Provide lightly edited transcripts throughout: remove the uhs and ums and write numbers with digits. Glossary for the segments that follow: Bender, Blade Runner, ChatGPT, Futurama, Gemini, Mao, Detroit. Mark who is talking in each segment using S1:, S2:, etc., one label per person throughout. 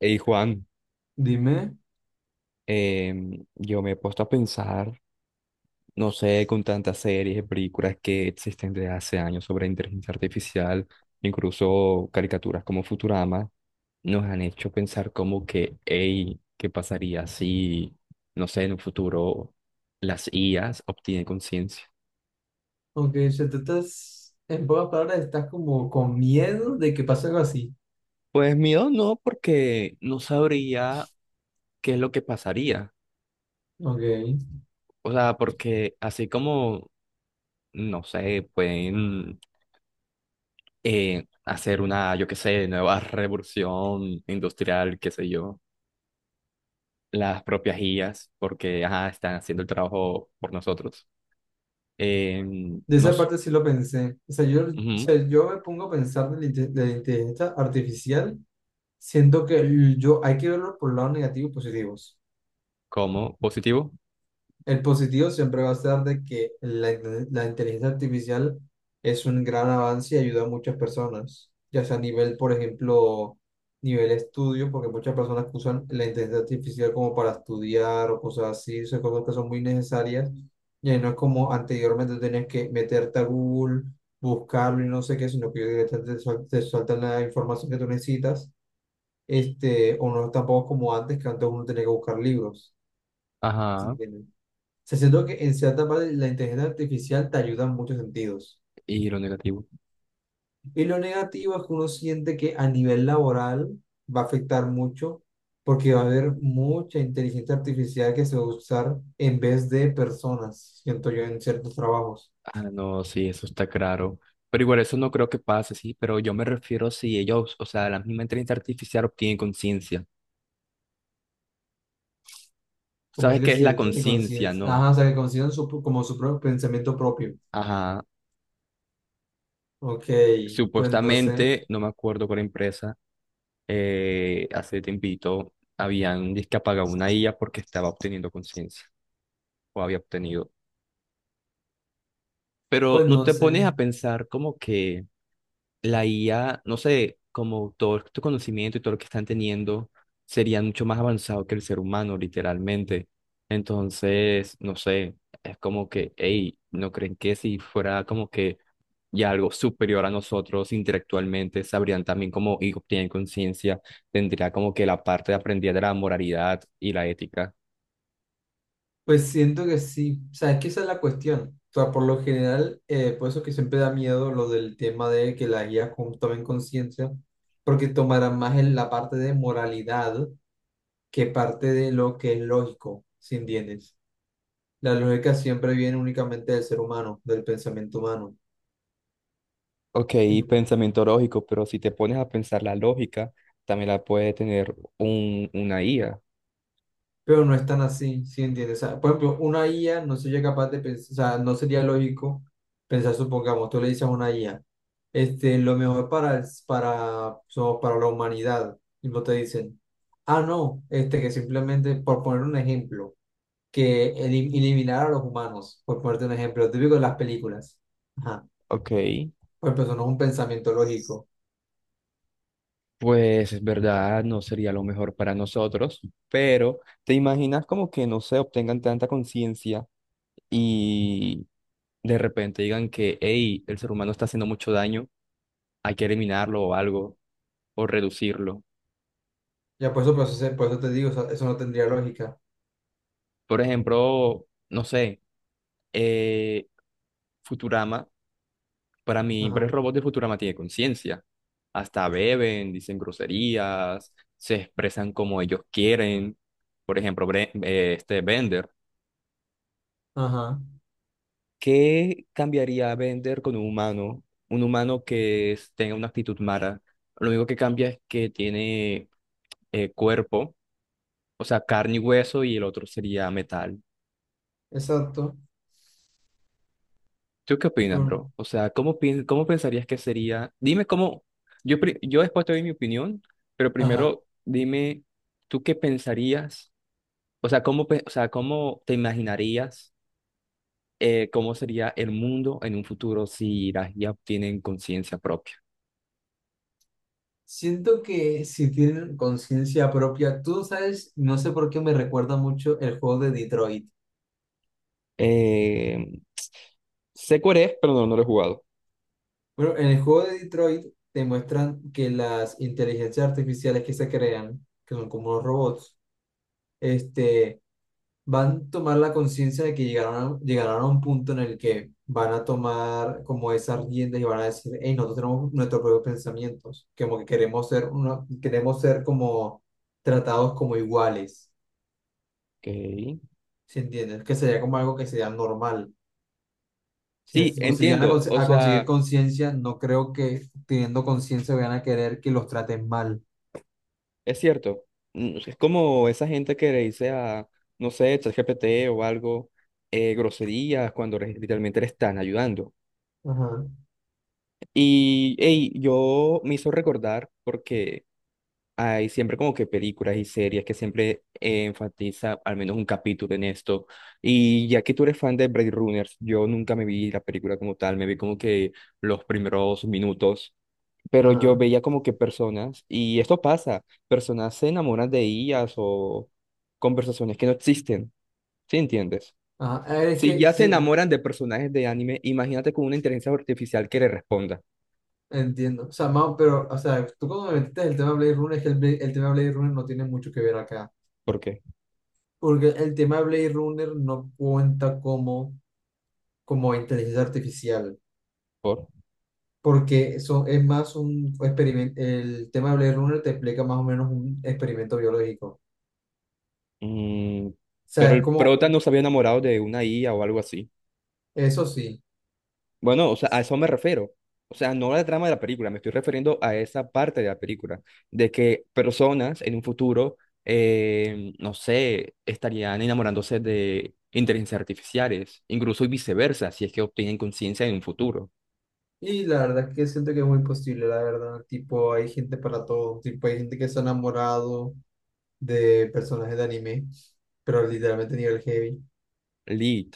S1: Hey Juan,
S2: Dime.
S1: yo me he puesto a pensar, no sé, con tantas series y películas que existen desde hace años sobre inteligencia artificial, incluso caricaturas como Futurama, nos han hecho pensar como que, hey, ¿qué pasaría si, no sé, en un futuro las IAs obtienen conciencia?
S2: Ok, o sea, tú estás, en pocas palabras, estás como con miedo de que pase algo así.
S1: Pues miedo no, porque no sabría qué es lo que pasaría.
S2: Ok, de
S1: O sea, porque así como, no sé, pueden hacer una, yo qué sé, nueva revolución industrial, qué sé yo, las propias IAs, porque ajá, están haciendo el trabajo por nosotros. Eh, no
S2: esa parte sí lo pensé. O
S1: ujú,
S2: sea, yo me pongo a pensar de de la inteligencia artificial, siento que yo hay que verlo por el lado negativo y positivos.
S1: como positivo,
S2: El positivo siempre va a ser de que la inteligencia artificial es un gran avance y ayuda a muchas personas, ya sea a nivel, por ejemplo, nivel estudio, porque muchas personas que usan la inteligencia artificial como para estudiar o cosas así, son cosas que son muy necesarias, y ahí no es como anteriormente tenías que meterte a Google, buscarlo y no sé qué, sino que directamente te sueltan la información que tú necesitas, o no tampoco como antes, que antes uno tenía que buscar libros, ¿sí
S1: ajá,
S2: entiendes? Se siento que en cierta parte la inteligencia artificial te ayuda en muchos sentidos.
S1: y lo negativo.
S2: Y lo negativo es que uno siente que a nivel laboral va a afectar mucho porque va a haber mucha inteligencia artificial que se va a usar en vez de personas, siento yo, en ciertos trabajos.
S1: Ah, no, sí, eso está claro. Pero igual eso no creo que pase, sí, pero yo me refiero si ellos, o sea, la misma inteligencia artificial obtiene conciencia.
S2: Como es
S1: ¿Sabes
S2: que
S1: qué es
S2: si
S1: la
S2: yo tiene
S1: conciencia?
S2: conciencia,
S1: No.
S2: ajá, o sea, que consideran su, como su propio pensamiento propio.
S1: Ajá.
S2: Ok, pues no sé,
S1: Supuestamente, no me acuerdo cuál empresa, hace tiempito habían dizque apagado una IA porque estaba obteniendo conciencia o había obtenido. Pero
S2: pues
S1: no
S2: no
S1: te
S2: sé.
S1: pones a pensar como que la IA, no sé, como todo tu conocimiento y todo lo que están teniendo, sería mucho más avanzado que el ser humano, literalmente. Entonces, no sé, es como que, hey, ¿no creen que si fuera como que ya algo superior a nosotros intelectualmente, sabrían también cómo y obtienen conciencia, tendría como que la parte de aprendida de la moralidad y la ética?
S2: Pues siento que sí, o sea, es que esa es la cuestión. O sea, por lo general, por eso que siempre da miedo lo del tema de que las guías tomen conciencia, porque tomarán más en la parte de moralidad que parte de lo que es lógico, ¿si entiendes? La lógica siempre viene únicamente del ser humano, del pensamiento humano.
S1: Ok, pensamiento lógico, pero si te pones a pensar la lógica, también la puede tener una IA.
S2: Pero no es tan así, ¿sí entiendes? O sea, por ejemplo, una IA no sería capaz de pensar, o sea, no sería lógico pensar, supongamos, tú le dices a una IA, lo mejor para, para, para la humanidad, y no te dicen, ah, no, que simplemente, por poner un ejemplo, que eliminar a los humanos, por ponerte un ejemplo, típico de las películas, ajá,
S1: Ok.
S2: pues eso no es un pensamiento lógico,
S1: Pues es verdad, no sería lo mejor para nosotros, pero ¿te imaginas como que no se obtengan tanta conciencia y de repente digan que, hey, el ser humano está haciendo mucho daño, hay que eliminarlo o algo, o reducirlo?
S2: ya por eso, por eso te digo, o sea, eso no tendría lógica,
S1: Por ejemplo, no sé, eh, Futurama, para mí, varios
S2: ajá,
S1: robots de Futurama tienen conciencia, hasta beben, dicen groserías, se expresan como ellos quieren, por ejemplo, este Bender.
S2: ajá,
S1: ¿Qué cambiaría Bender con un humano? Un humano que tenga una actitud mala. Lo único que cambia es que tiene cuerpo, o sea, carne y hueso, y el otro sería metal.
S2: exacto.
S1: ¿Tú qué opinas,
S2: Mm,
S1: bro? O sea, ¿cómo, cómo pensarías que sería? Dime cómo. Yo, yo después te doy mi opinión, pero
S2: ajá.
S1: primero dime, ¿tú qué pensarías? O sea, ¿cómo, o sea, cómo te imaginarías cómo sería el mundo en un futuro si las ya tienen conciencia propia?
S2: Siento que si tienen conciencia propia, tú sabes, no sé por qué me recuerda mucho el juego de Detroit.
S1: Eh, sé cuál es, pero no, no lo he jugado.
S2: Bueno, en el juego de Detroit te muestran que las inteligencias artificiales que se crean, que son como los robots, este, van a tomar la conciencia de que llegaron a un punto en el que van a tomar como esas riendas y van a decir, hey, nosotros tenemos nuestros propios pensamientos, como que queremos ser como tratados como iguales.
S1: Ok.
S2: ¿Si entiendes? Que sería como algo que sería normal. Si,
S1: Sí,
S2: pues, si llegan a,
S1: entiendo. O
S2: a conseguir
S1: sea,
S2: conciencia, no creo que teniendo conciencia vayan a querer que los traten mal.
S1: es cierto. Mm, es como esa gente que le dice a, no sé, ChatGPT o algo, groserías cuando literalmente le están ayudando.
S2: Ajá,
S1: Y hey, yo me hizo recordar porque hay siempre como que películas y series que siempre enfatiza al menos un capítulo en esto. Y ya que tú eres fan de Blade Runners, yo nunca me vi la película como tal, me vi como que los primeros minutos, pero yo
S2: ajá,
S1: veía como que personas, y esto pasa, personas se enamoran de ellas o conversaciones que no existen, ¿sí entiendes?
S2: ajá. A ver, es
S1: Si
S2: que
S1: ya se
S2: sí,
S1: enamoran de personajes de anime, imagínate con una inteligencia artificial que le responda.
S2: entiendo. O sea, Mao, pero, o sea, tú cuando me metiste el tema de Blade Runner, es que el tema de Blade Runner no tiene mucho que ver acá.
S1: ¿Por qué?
S2: Porque el tema de Blade Runner no cuenta como, como inteligencia artificial.
S1: ¿Por?
S2: Porque eso es más un experimento. El tema de Blade Runner te explica más o menos un experimento biológico. O
S1: Mm, pero
S2: sea, es
S1: el
S2: como,
S1: prota no se había enamorado de una IA o algo así.
S2: eso sí.
S1: Bueno, o sea, a eso me refiero. O sea, no a la trama de la película, me estoy refiriendo a esa parte de la película, de que personas en un futuro, no sé, estarían enamorándose de inteligencias artificiales, incluso y viceversa, si es que obtienen conciencia en un futuro.
S2: Y la verdad es que siento que es muy posible, la verdad, tipo, hay gente para todo, tipo, hay gente que se ha enamorado de personajes de anime, pero literalmente nivel heavy,
S1: Lit.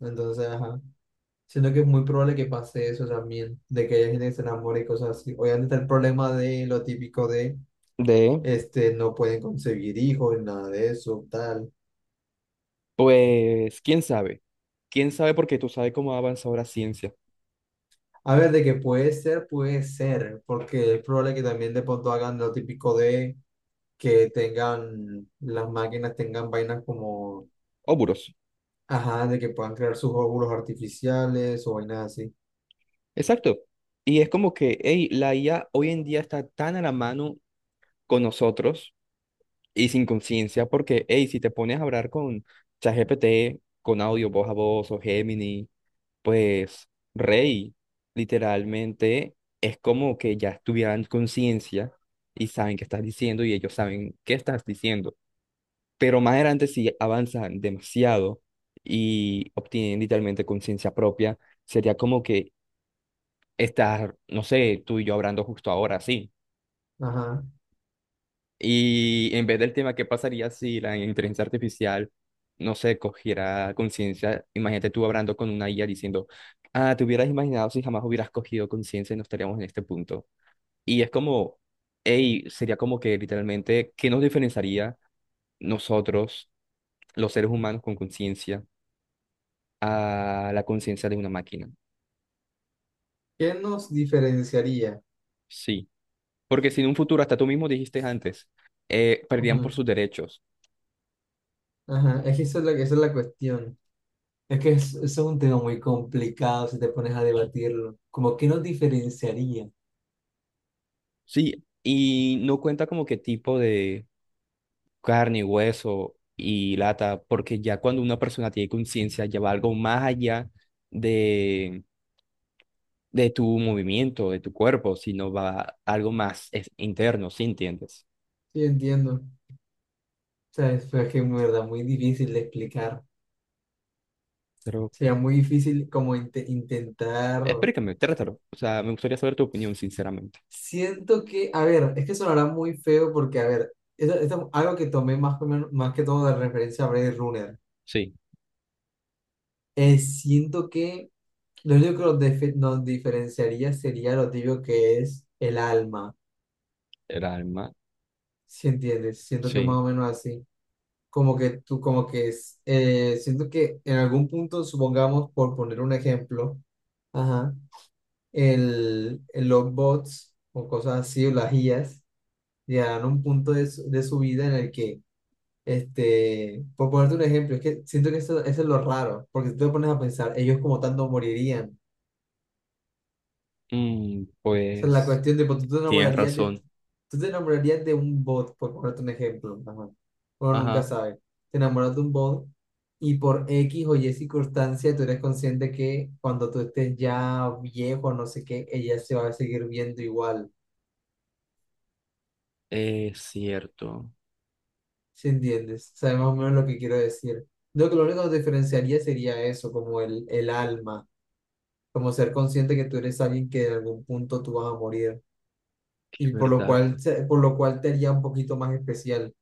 S2: entonces, ajá, siento que es muy probable que pase eso también, de que haya gente que se enamore y cosas así, obviamente está el problema de lo típico de,
S1: De,
S2: no pueden concebir hijos, nada de eso, tal,
S1: pues, quién sabe. Quién sabe porque tú sabes cómo ha avanzado la ciencia.
S2: a ver, de que puede ser, porque es probable que también de pronto hagan lo típico de que tengan, las máquinas tengan vainas como,
S1: Óbulos.
S2: ajá, de que puedan crear sus óvulos artificiales o vainas así.
S1: Exacto. Y es como que, hey, la IA hoy en día está tan a la mano con nosotros y sin conciencia, porque, hey, si te pones a hablar con ChatGPT, con audio voz a voz o Gemini, pues, rey, literalmente es como que ya estuvieran conciencia y saben qué estás diciendo y ellos saben qué estás diciendo. Pero más adelante, si avanzan demasiado y obtienen literalmente conciencia propia, sería como que estar, no sé, tú y yo hablando justo ahora, sí.
S2: Ajá.
S1: Y en vez del tema, ¿qué pasaría si la inteligencia artificial, no sé, cogiera conciencia? Imagínate tú hablando con una IA diciendo, ah, te hubieras imaginado si jamás hubieras cogido conciencia y no estaríamos en este punto. Y es como, hey, sería como que literalmente, ¿qué nos diferenciaría nosotros, los seres humanos con conciencia, a la conciencia de una máquina?
S2: ¿Qué nos diferenciaría?
S1: Sí. Porque si en un futuro, hasta tú mismo dijiste antes, perdían por
S2: Ujú.
S1: sus derechos.
S2: Ajá, es que esa es la cuestión. Es que es, eso es un tema muy complicado si te pones a debatirlo. Como qué nos diferenciaría.
S1: Sí, y no cuenta como qué tipo de carne, hueso y lata, porque ya cuando una persona tiene conciencia, ya va algo más allá de, de tu movimiento, de tu cuerpo, sino va algo más interno, ¿sí entiendes?
S2: Sí, entiendo. O sea, es, fue que en verdad muy difícil de explicar.
S1: Pero
S2: Sería muy difícil como intentar.
S1: explícame, trátalo. O sea, me gustaría saber tu opinión, sinceramente.
S2: Siento que, a ver, es que sonará muy feo porque, a ver, esto es algo que tomé más que todo de referencia a Blade Runner.
S1: Sí,
S2: Siento que lo único que nos diferenciaría sería lo tibio que es el alma,
S1: el alma,
S2: ¿si entiendes? Siento que más
S1: sí.
S2: o menos así. Como que tú, como que es, siento que en algún punto, supongamos, por poner un ejemplo, ajá. Los bots o cosas así, o las IAs, llegarán a un punto de de su vida en el que este, por ponerte un ejemplo, es que siento que eso es lo raro, porque si tú te pones a pensar, ellos como tanto morirían.
S1: Mm,
S2: O sea, la
S1: pues
S2: cuestión de, pues, tú te
S1: tienes
S2: enamorarías de,
S1: razón.
S2: tú te enamorarías de un bot, por ponerte un ejemplo, ajá. Uno nunca
S1: Ajá,
S2: sabe. Te enamoras de un bot y por X o Y circunstancia tú eres consciente que cuando tú estés ya viejo, no sé qué, ella se va a seguir viendo igual.
S1: es cierto,
S2: ¿Sí entiendes? Sabes más o menos lo que quiero decir. Yo creo que lo único que nos diferenciaría sería eso, como el alma como ser consciente que tú eres alguien que en algún punto tú vas a morir
S1: es
S2: y por lo
S1: verdad.
S2: cual, por lo cual te haría un poquito más especial.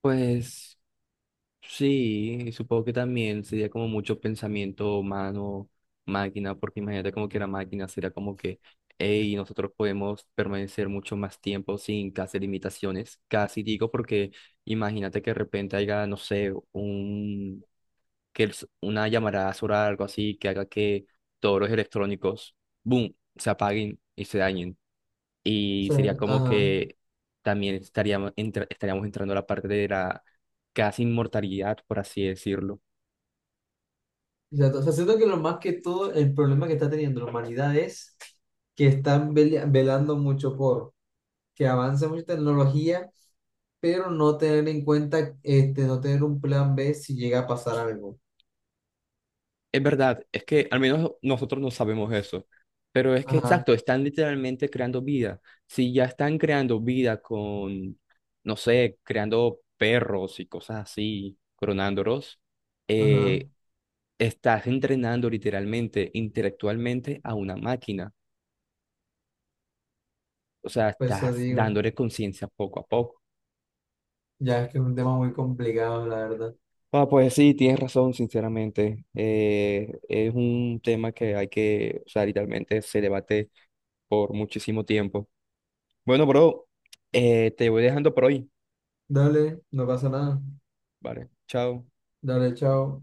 S1: Pues. Sí, y supongo que también sería como mucho pensamiento humano, máquina, porque imagínate como que la máquina sería como que, hey, nosotros podemos permanecer mucho más tiempo sin casi limitaciones, casi digo, porque imagínate que de repente haya, no sé, un, que el- una llamarada solar, o algo así, que haga que todos los electrónicos, boom, se apaguen y se dañen.
S2: O
S1: Y
S2: sea,
S1: sería como
S2: ajá.
S1: que también estaríamos, estaríamos entrando a la parte de la casi inmortalidad, por así decirlo.
S2: Exacto. O sea, siento que lo más que todo, el problema que está teniendo la humanidad es que están velando mucho por que avance mucha tecnología, pero no tener en cuenta, no tener un plan B si llega a pasar algo.
S1: Es verdad, es que al menos nosotros no sabemos eso, pero es que
S2: Ajá,
S1: exacto, están literalmente creando vida. Si ya están creando vida con, no sé, creando perros y cosas así, clonándolos,
S2: ajá.
S1: eh, estás entrenando literalmente, intelectualmente a una máquina. O sea,
S2: Por eso
S1: estás
S2: digo,
S1: dándole conciencia poco a poco.
S2: ya es que es un tema muy complicado, la verdad.
S1: Ah, pues sí, tienes razón, sinceramente. Es un tema que hay que, o sea, literalmente se debate por muchísimo tiempo. Bueno, bro, te voy dejando por hoy.
S2: Dale, no pasa nada.
S1: Vale, chao.
S2: Dale, chao.